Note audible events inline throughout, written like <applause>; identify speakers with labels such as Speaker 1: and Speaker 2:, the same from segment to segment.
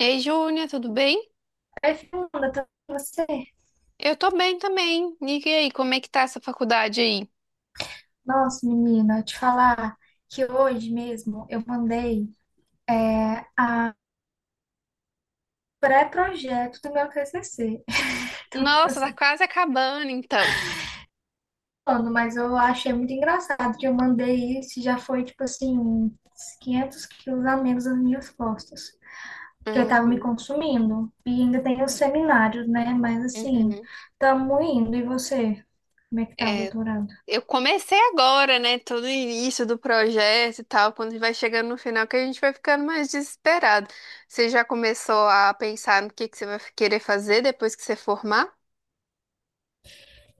Speaker 1: Ei, Júnia, tudo bem?
Speaker 2: Aí, Fernanda, tá com você?
Speaker 1: Eu tô bem também. E aí, como é que tá essa faculdade aí?
Speaker 2: Nossa, menina, te falar que hoje mesmo eu mandei é, a pré-projeto do meu TCC. <laughs> Então, tipo
Speaker 1: Nossa, tá
Speaker 2: assim,
Speaker 1: quase acabando, então.
Speaker 2: mano, mas eu achei muito engraçado que eu mandei isso e já foi, tipo assim, uns 500 quilos a menos nas minhas costas. Que eu tava me
Speaker 1: Uhum,
Speaker 2: consumindo. E ainda tem os seminários, né? Mas assim,
Speaker 1: uhum.
Speaker 2: tamo indo. E você? Como é que tá o
Speaker 1: É,
Speaker 2: doutorado?
Speaker 1: eu comecei agora, né? Todo o início do projeto e tal. Quando vai chegando no final, que a gente vai ficando mais desesperado. Você já começou a pensar no que você vai querer fazer depois que você formar?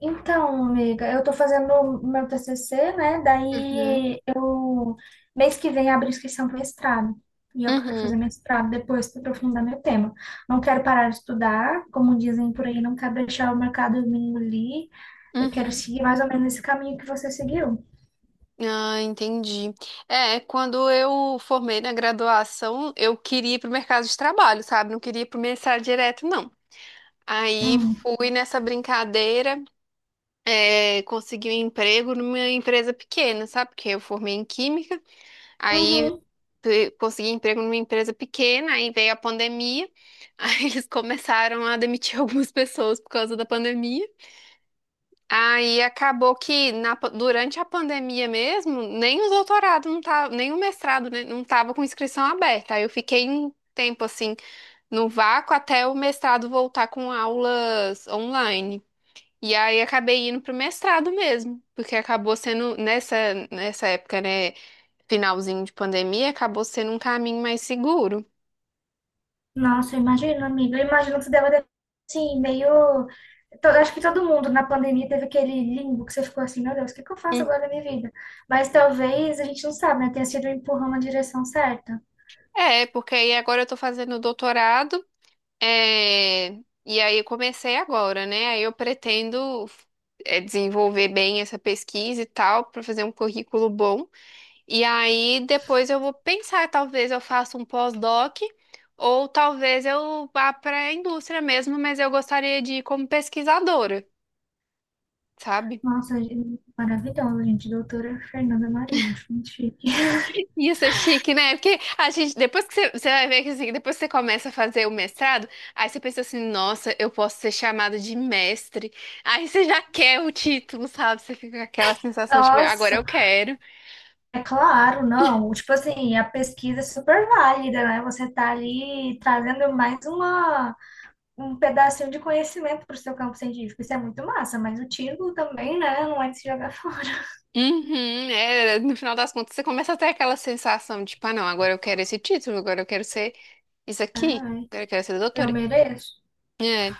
Speaker 2: Então, amiga, eu tô fazendo o meu TCC, né?
Speaker 1: Uhum,
Speaker 2: Daí eu mês que vem abro inscrição para mestrado. E eu quero
Speaker 1: uhum,
Speaker 2: fazer mestrado depois para aprofundar meu tema. Não quero parar de estudar, como dizem por aí, não quero deixar o mercado me engolir. Eu quero
Speaker 1: uhum.
Speaker 2: seguir mais ou menos esse caminho que você seguiu.
Speaker 1: Ah, entendi. É, quando eu formei na graduação, eu queria ir pro mercado de trabalho, sabe? Não queria ir pro mestrado direto, não. Aí
Speaker 2: Hum.
Speaker 1: fui nessa brincadeira, consegui um emprego numa empresa pequena, sabe? Porque eu formei em química, aí
Speaker 2: Uhum.
Speaker 1: consegui emprego numa empresa pequena, aí veio a pandemia, <laughs> aí eles começaram a demitir <laughs> algumas pessoas por causa da pandemia. Aí acabou que durante a pandemia mesmo, nem os doutorados não tava, nem o mestrado, né, não tava com inscrição aberta. Aí eu fiquei um tempo assim no vácuo até o mestrado voltar com aulas online. E aí acabei indo pro mestrado mesmo, porque acabou sendo nessa época, né, finalzinho de pandemia, acabou sendo um caminho mais seguro.
Speaker 2: Nossa, eu imagino, amiga. Eu imagino que você deve ter, assim, meio. Acho que todo mundo na pandemia teve aquele limbo que você ficou assim, meu Deus, o que que eu faço
Speaker 1: Hum.
Speaker 2: agora na minha vida? Mas talvez a gente não sabe, né? Tenha sido um empurrão na direção certa.
Speaker 1: É, porque aí agora eu tô fazendo doutorado. É, e aí eu comecei agora, né? Aí eu pretendo desenvolver bem essa pesquisa e tal, para fazer um currículo bom. E aí depois eu vou pensar, talvez eu faça um pós-doc, ou talvez eu vá para a indústria mesmo, mas eu gostaria de ir como pesquisadora, sabe?
Speaker 2: Nossa, maravilhosa, gente. Doutora Fernanda Maria, acho muito chique. <laughs>
Speaker 1: Isso é chique, né? Porque a gente, depois que você, você vai ver que assim, depois que você começa a fazer o mestrado, aí você pensa assim, nossa, eu posso ser chamado de mestre. Aí você já quer o título, sabe? Você fica com aquela sensação de, agora eu
Speaker 2: Nossa,
Speaker 1: quero.
Speaker 2: é claro, não. Tipo assim, a pesquisa é super válida, né? Você tá ali trazendo mais uma. Um pedacinho de conhecimento para o seu campo científico. Isso é muito massa, mas o título também, né? Não é de se jogar <laughs> fora.
Speaker 1: Uhum, é, no final das contas, você começa a ter aquela sensação de, tipo, ah, não, agora eu quero esse título, agora eu quero ser isso aqui,
Speaker 2: Ai,
Speaker 1: agora eu quero ser
Speaker 2: eu
Speaker 1: doutora.
Speaker 2: mereço.
Speaker 1: É,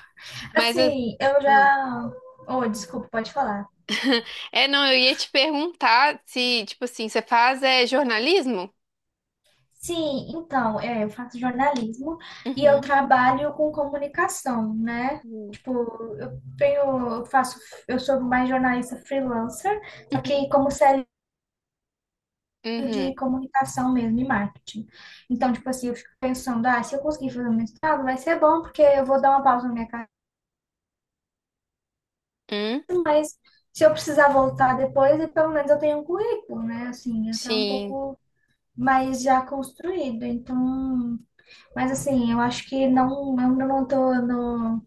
Speaker 1: mas...
Speaker 2: Assim, eu
Speaker 1: hum.
Speaker 2: já. Oh, desculpa, pode falar.
Speaker 1: É, não, eu ia te perguntar se, tipo assim, você faz jornalismo?
Speaker 2: Sim, então, eu faço jornalismo e eu
Speaker 1: Uhum.
Speaker 2: trabalho com comunicação, né?
Speaker 1: Uhum.
Speaker 2: Tipo, eu tenho, eu faço, eu sou mais jornalista freelancer, só que como CLT de
Speaker 1: Uhum.
Speaker 2: comunicação mesmo e marketing. Então, tipo assim, eu fico pensando, ah, se eu conseguir fazer um mestrado, vai ser bom, porque eu vou dar uma pausa na minha carreira.
Speaker 1: Hum?
Speaker 2: Se eu precisar voltar depois, e pelo menos eu tenho um currículo, né? Assim, até um
Speaker 1: Sim,
Speaker 2: pouco mais já construído. Então, mas assim, eu acho que não, eu ainda não tô no,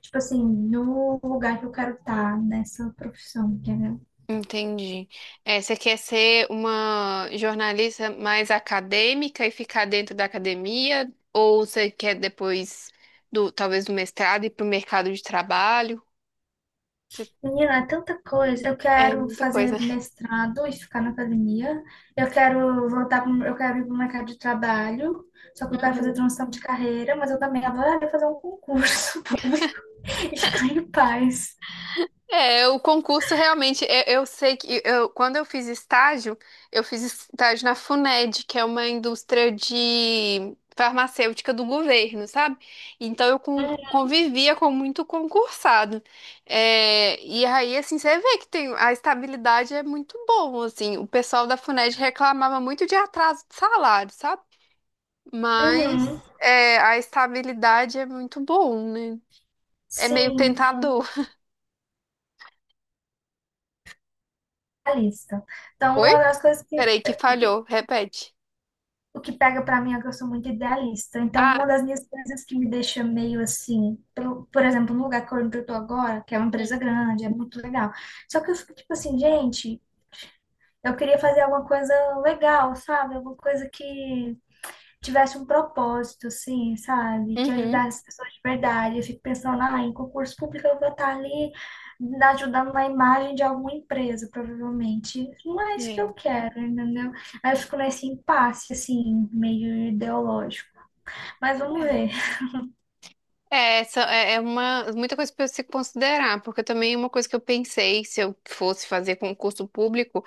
Speaker 2: tipo assim, no lugar que eu quero estar nessa profissão, entendeu?
Speaker 1: entendi. É, você quer ser uma jornalista mais acadêmica e ficar dentro da academia? Ou você quer depois do, talvez do mestrado ir para o mercado de trabalho? Você-
Speaker 2: Menina, é tanta coisa. Eu
Speaker 1: É
Speaker 2: quero
Speaker 1: muita
Speaker 2: fazer
Speaker 1: coisa.
Speaker 2: mestrado e ficar na academia. Eu quero ir para o mercado de trabalho. Só que eu quero fazer
Speaker 1: Uhum.
Speaker 2: transição de carreira, mas eu também adoraria fazer um concurso <laughs> público e ficar em paz.
Speaker 1: É, o concurso realmente, eu sei que eu, quando eu fiz estágio na Funed, que é uma indústria de farmacêutica do governo, sabe? Então eu convivia com muito concursado. É, e aí, assim, você vê que tem, a estabilidade é muito bom, assim. O pessoal da Funed reclamava muito de atraso de salário, sabe? Mas
Speaker 2: Uhum.
Speaker 1: a estabilidade é muito bom, né? É meio
Speaker 2: Sim,
Speaker 1: tentador.
Speaker 2: a lista. Então, uma
Speaker 1: Oi?
Speaker 2: das coisas que,
Speaker 1: Peraí, que
Speaker 2: o que
Speaker 1: falhou. Repete.
Speaker 2: o que pega pra mim é que eu sou muito idealista. Então,
Speaker 1: Ah,
Speaker 2: uma das minhas coisas que me deixa meio assim, pelo- por exemplo, no lugar que eu tô agora, que é uma
Speaker 1: hum,
Speaker 2: empresa grande, é muito legal. Só que eu fico tipo assim, gente, eu queria fazer alguma coisa legal, sabe? Alguma coisa que tivesse um propósito, assim, sabe? Que
Speaker 1: uhum.
Speaker 2: ajudasse as pessoas de verdade. Eu fico pensando, ah, em concurso público eu vou estar ali ajudando na imagem de alguma empresa, provavelmente. Não é isso que
Speaker 1: É,
Speaker 2: eu quero, entendeu? Aí eu fico nesse impasse, assim, meio ideológico. Mas vamos
Speaker 1: é.
Speaker 2: ver.
Speaker 1: Essa é uma muita coisa para se considerar, porque também uma coisa que eu pensei se eu fosse fazer concurso público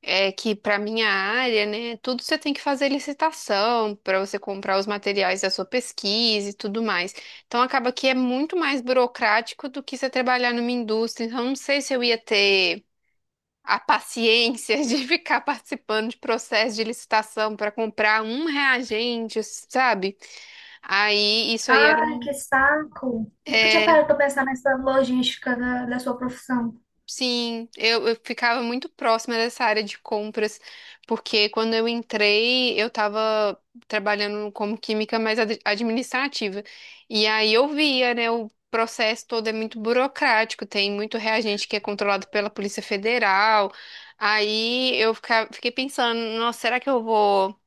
Speaker 1: é que para minha área, né, tudo você tem que fazer licitação para você comprar os materiais da sua pesquisa e tudo mais. Então acaba que é muito mais burocrático do que você trabalhar numa indústria. Então não sei se eu ia ter a paciência <laughs> de ficar participando de processo de licitação para comprar um reagente, sabe? Aí, isso aí era.
Speaker 2: Ai, que saco! Nunca tinha
Speaker 1: É,
Speaker 2: parado pra pensar nessa logística da sua profissão.
Speaker 1: sim, eu ficava muito próxima dessa área de compras, porque quando eu entrei, eu estava trabalhando como química, mas administrativa. E aí eu via, né, o processo todo é muito burocrático, tem muito reagente que é controlado pela Polícia Federal. Aí eu fiquei pensando, nossa, será que eu vou.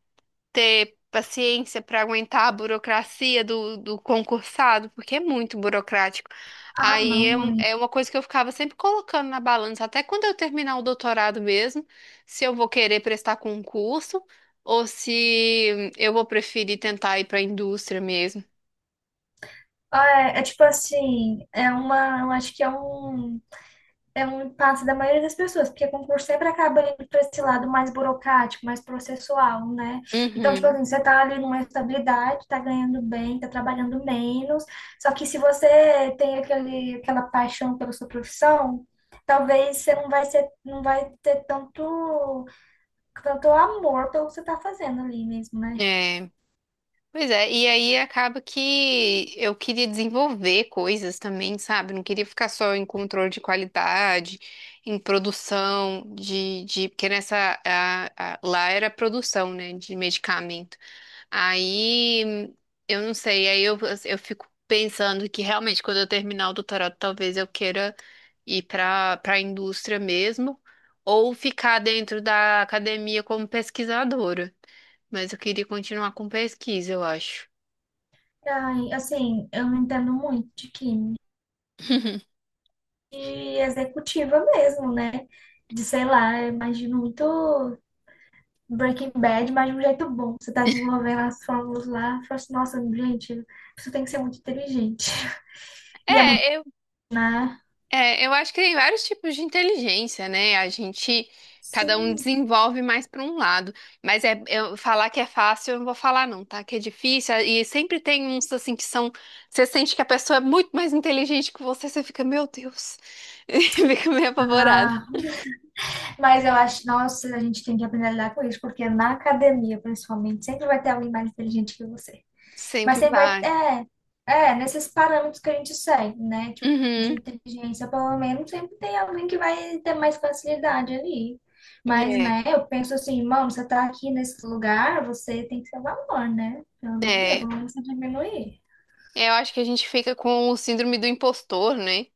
Speaker 1: Ter paciência para aguentar a burocracia do, do concursado, porque é muito burocrático.
Speaker 2: Ah,
Speaker 1: Aí
Speaker 2: não, amigo.
Speaker 1: é uma coisa que eu ficava sempre colocando na balança, até quando eu terminar o doutorado mesmo, se eu vou querer prestar concurso ou se eu vou preferir tentar ir para a indústria mesmo.
Speaker 2: Ah, é, é tipo assim, é uma, eu acho que é um impasse da maioria das pessoas, porque concurso sempre acaba indo para esse lado mais burocrático, mais processual, né? Então, tipo
Speaker 1: Uhum.
Speaker 2: assim, você tá ali numa estabilidade, tá ganhando bem, tá trabalhando menos, só que se você tem aquele, aquela paixão pela sua profissão, talvez você não vai ser, não vai ter tanto, tanto amor pelo que você tá fazendo ali mesmo, né?
Speaker 1: É. Pois é, e aí acaba que eu queria desenvolver coisas também, sabe? Não queria ficar só em controle de qualidade, em produção de porque nessa lá era produção, né, de medicamento. Aí eu não sei, aí eu fico pensando que realmente quando eu terminar o doutorado, talvez eu queira ir para a indústria mesmo, ou ficar dentro da academia como pesquisadora. Mas eu queria continuar com pesquisa, eu acho.
Speaker 2: Ai, assim, eu não entendo muito de química e executiva mesmo, né? De, sei lá, eu imagino muito Breaking Bad, mas de um jeito bom. Você tá desenvolvendo as fórmulas lá. Fala assim, nossa, gente, a tem que ser muito inteligente. <laughs> E é muito,
Speaker 1: É, eu,
Speaker 2: né?
Speaker 1: eu acho que tem vários tipos de inteligência, né? A gente, cada um
Speaker 2: Sim.
Speaker 1: desenvolve mais para um lado. Mas é, eu falar que é fácil, eu não vou falar não, tá? Que é difícil. E sempre tem uns assim que são. Você sente que a pessoa é muito mais inteligente que você, você fica, meu Deus, <laughs> e fica meio apavorada.
Speaker 2: Ah, mas eu acho, nossa, a gente tem que aprender a lidar com isso, porque na academia, principalmente, sempre vai ter alguém mais inteligente que você. Mas
Speaker 1: Sempre
Speaker 2: sempre vai.
Speaker 1: vai.
Speaker 2: É, é, nesses parâmetros que a gente segue, né? Tipo, de
Speaker 1: Uhum.
Speaker 2: inteligência, pelo menos, sempre tem alguém que vai ter mais facilidade ali. Mas,
Speaker 1: É,
Speaker 2: né, eu penso assim, mano, você tá aqui nesse lugar, você tem que ter valor, né? Pelo amor de Deus,
Speaker 1: é.
Speaker 2: não se diminuir.
Speaker 1: Eu acho que a gente fica com o síndrome do impostor, né?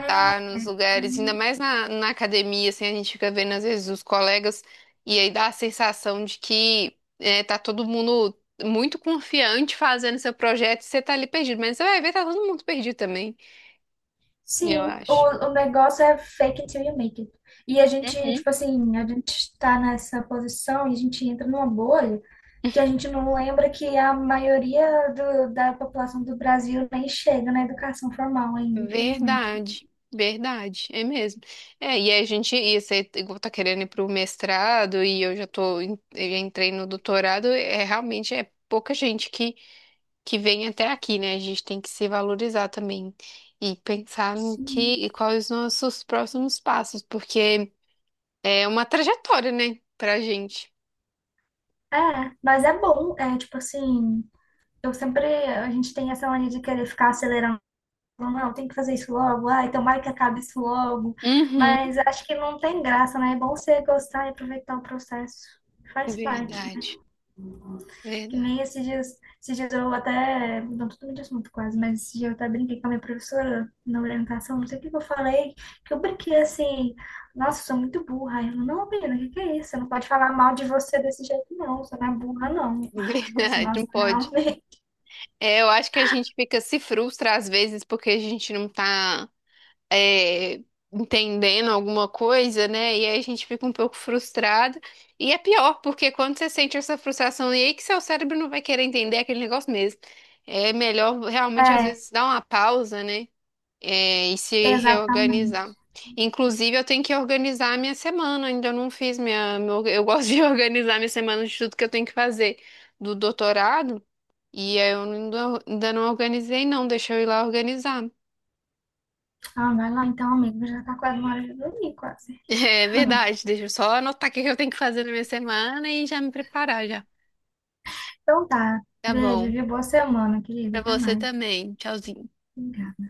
Speaker 1: Estar nos lugares, ainda mais na academia, assim, a gente fica vendo às vezes os colegas e aí dá a sensação de tá todo mundo muito confiante fazendo seu projeto e você tá ali perdido, mas você vai ver, tá todo mundo perdido também, eu
Speaker 2: Sim,
Speaker 1: acho.
Speaker 2: o negócio é fake until you make it. E a gente,
Speaker 1: Uhum.
Speaker 2: tipo assim, a gente está nessa posição e a gente entra numa bolha que a gente não lembra que a maioria da população do Brasil nem chega na educação formal ainda, infelizmente.
Speaker 1: Verdade, verdade, é mesmo. É, e a gente, e você igual tá querendo ir pro mestrado e eu já tô, eu já entrei no doutorado, é realmente é pouca gente que vem até aqui, né? A gente tem que se valorizar também e pensar no que
Speaker 2: Sim.
Speaker 1: e quais os nossos próximos passos, porque é uma trajetória, né, pra gente.
Speaker 2: É, mas é bom, é tipo assim, eu sempre, a gente tem essa mania de querer ficar acelerando. Não, não, tem que fazer isso logo. Ai, tomara que acabe isso logo.
Speaker 1: Uhum.
Speaker 2: Mas acho que não tem graça, né? É bom você gostar e aproveitar o processo. Faz parte, né?
Speaker 1: Verdade,
Speaker 2: Que
Speaker 1: verdade,
Speaker 2: nem esses dias, eu até, não tô mudando de assunto quase, mas esses dias eu até brinquei com a minha professora na orientação, não sei o que que eu falei, que eu brinquei assim, nossa, eu sou muito burra. Aí ela, não, menina, o que que é isso? Você não pode falar mal de você desse jeito, não, você não é burra, não. <laughs>
Speaker 1: <laughs>
Speaker 2: Eu falei assim,
Speaker 1: verdade, não
Speaker 2: nossa,
Speaker 1: pode.
Speaker 2: realmente.
Speaker 1: É, eu acho que a gente fica se frustra às vezes porque a gente não tá é, entendendo alguma coisa, né? E aí a gente fica um pouco frustrado. E é pior, porque quando você sente essa frustração, e aí que seu cérebro não vai querer entender aquele negócio mesmo. É melhor realmente, às
Speaker 2: É,
Speaker 1: vezes, dar uma pausa, né? É, e se
Speaker 2: exatamente.
Speaker 1: reorganizar. Inclusive, eu tenho que organizar a minha semana, ainda não fiz eu gosto <laughs> de organizar minha semana de tudo que eu tenho que fazer do doutorado, e aí eu ainda, ainda não organizei, não, deixa eu ir lá organizar.
Speaker 2: Ah, vai lá então, amigo. Já tá quase uma hora de dormir, quase.
Speaker 1: É verdade, deixa eu só anotar o que que eu tenho que fazer na minha semana e já me preparar já.
Speaker 2: Então tá.
Speaker 1: Tá
Speaker 2: Beijo,
Speaker 1: bom.
Speaker 2: viu? Boa semana, querida.
Speaker 1: Pra
Speaker 2: Até
Speaker 1: você
Speaker 2: mais.
Speaker 1: também. Tchauzinho.
Speaker 2: Obrigada.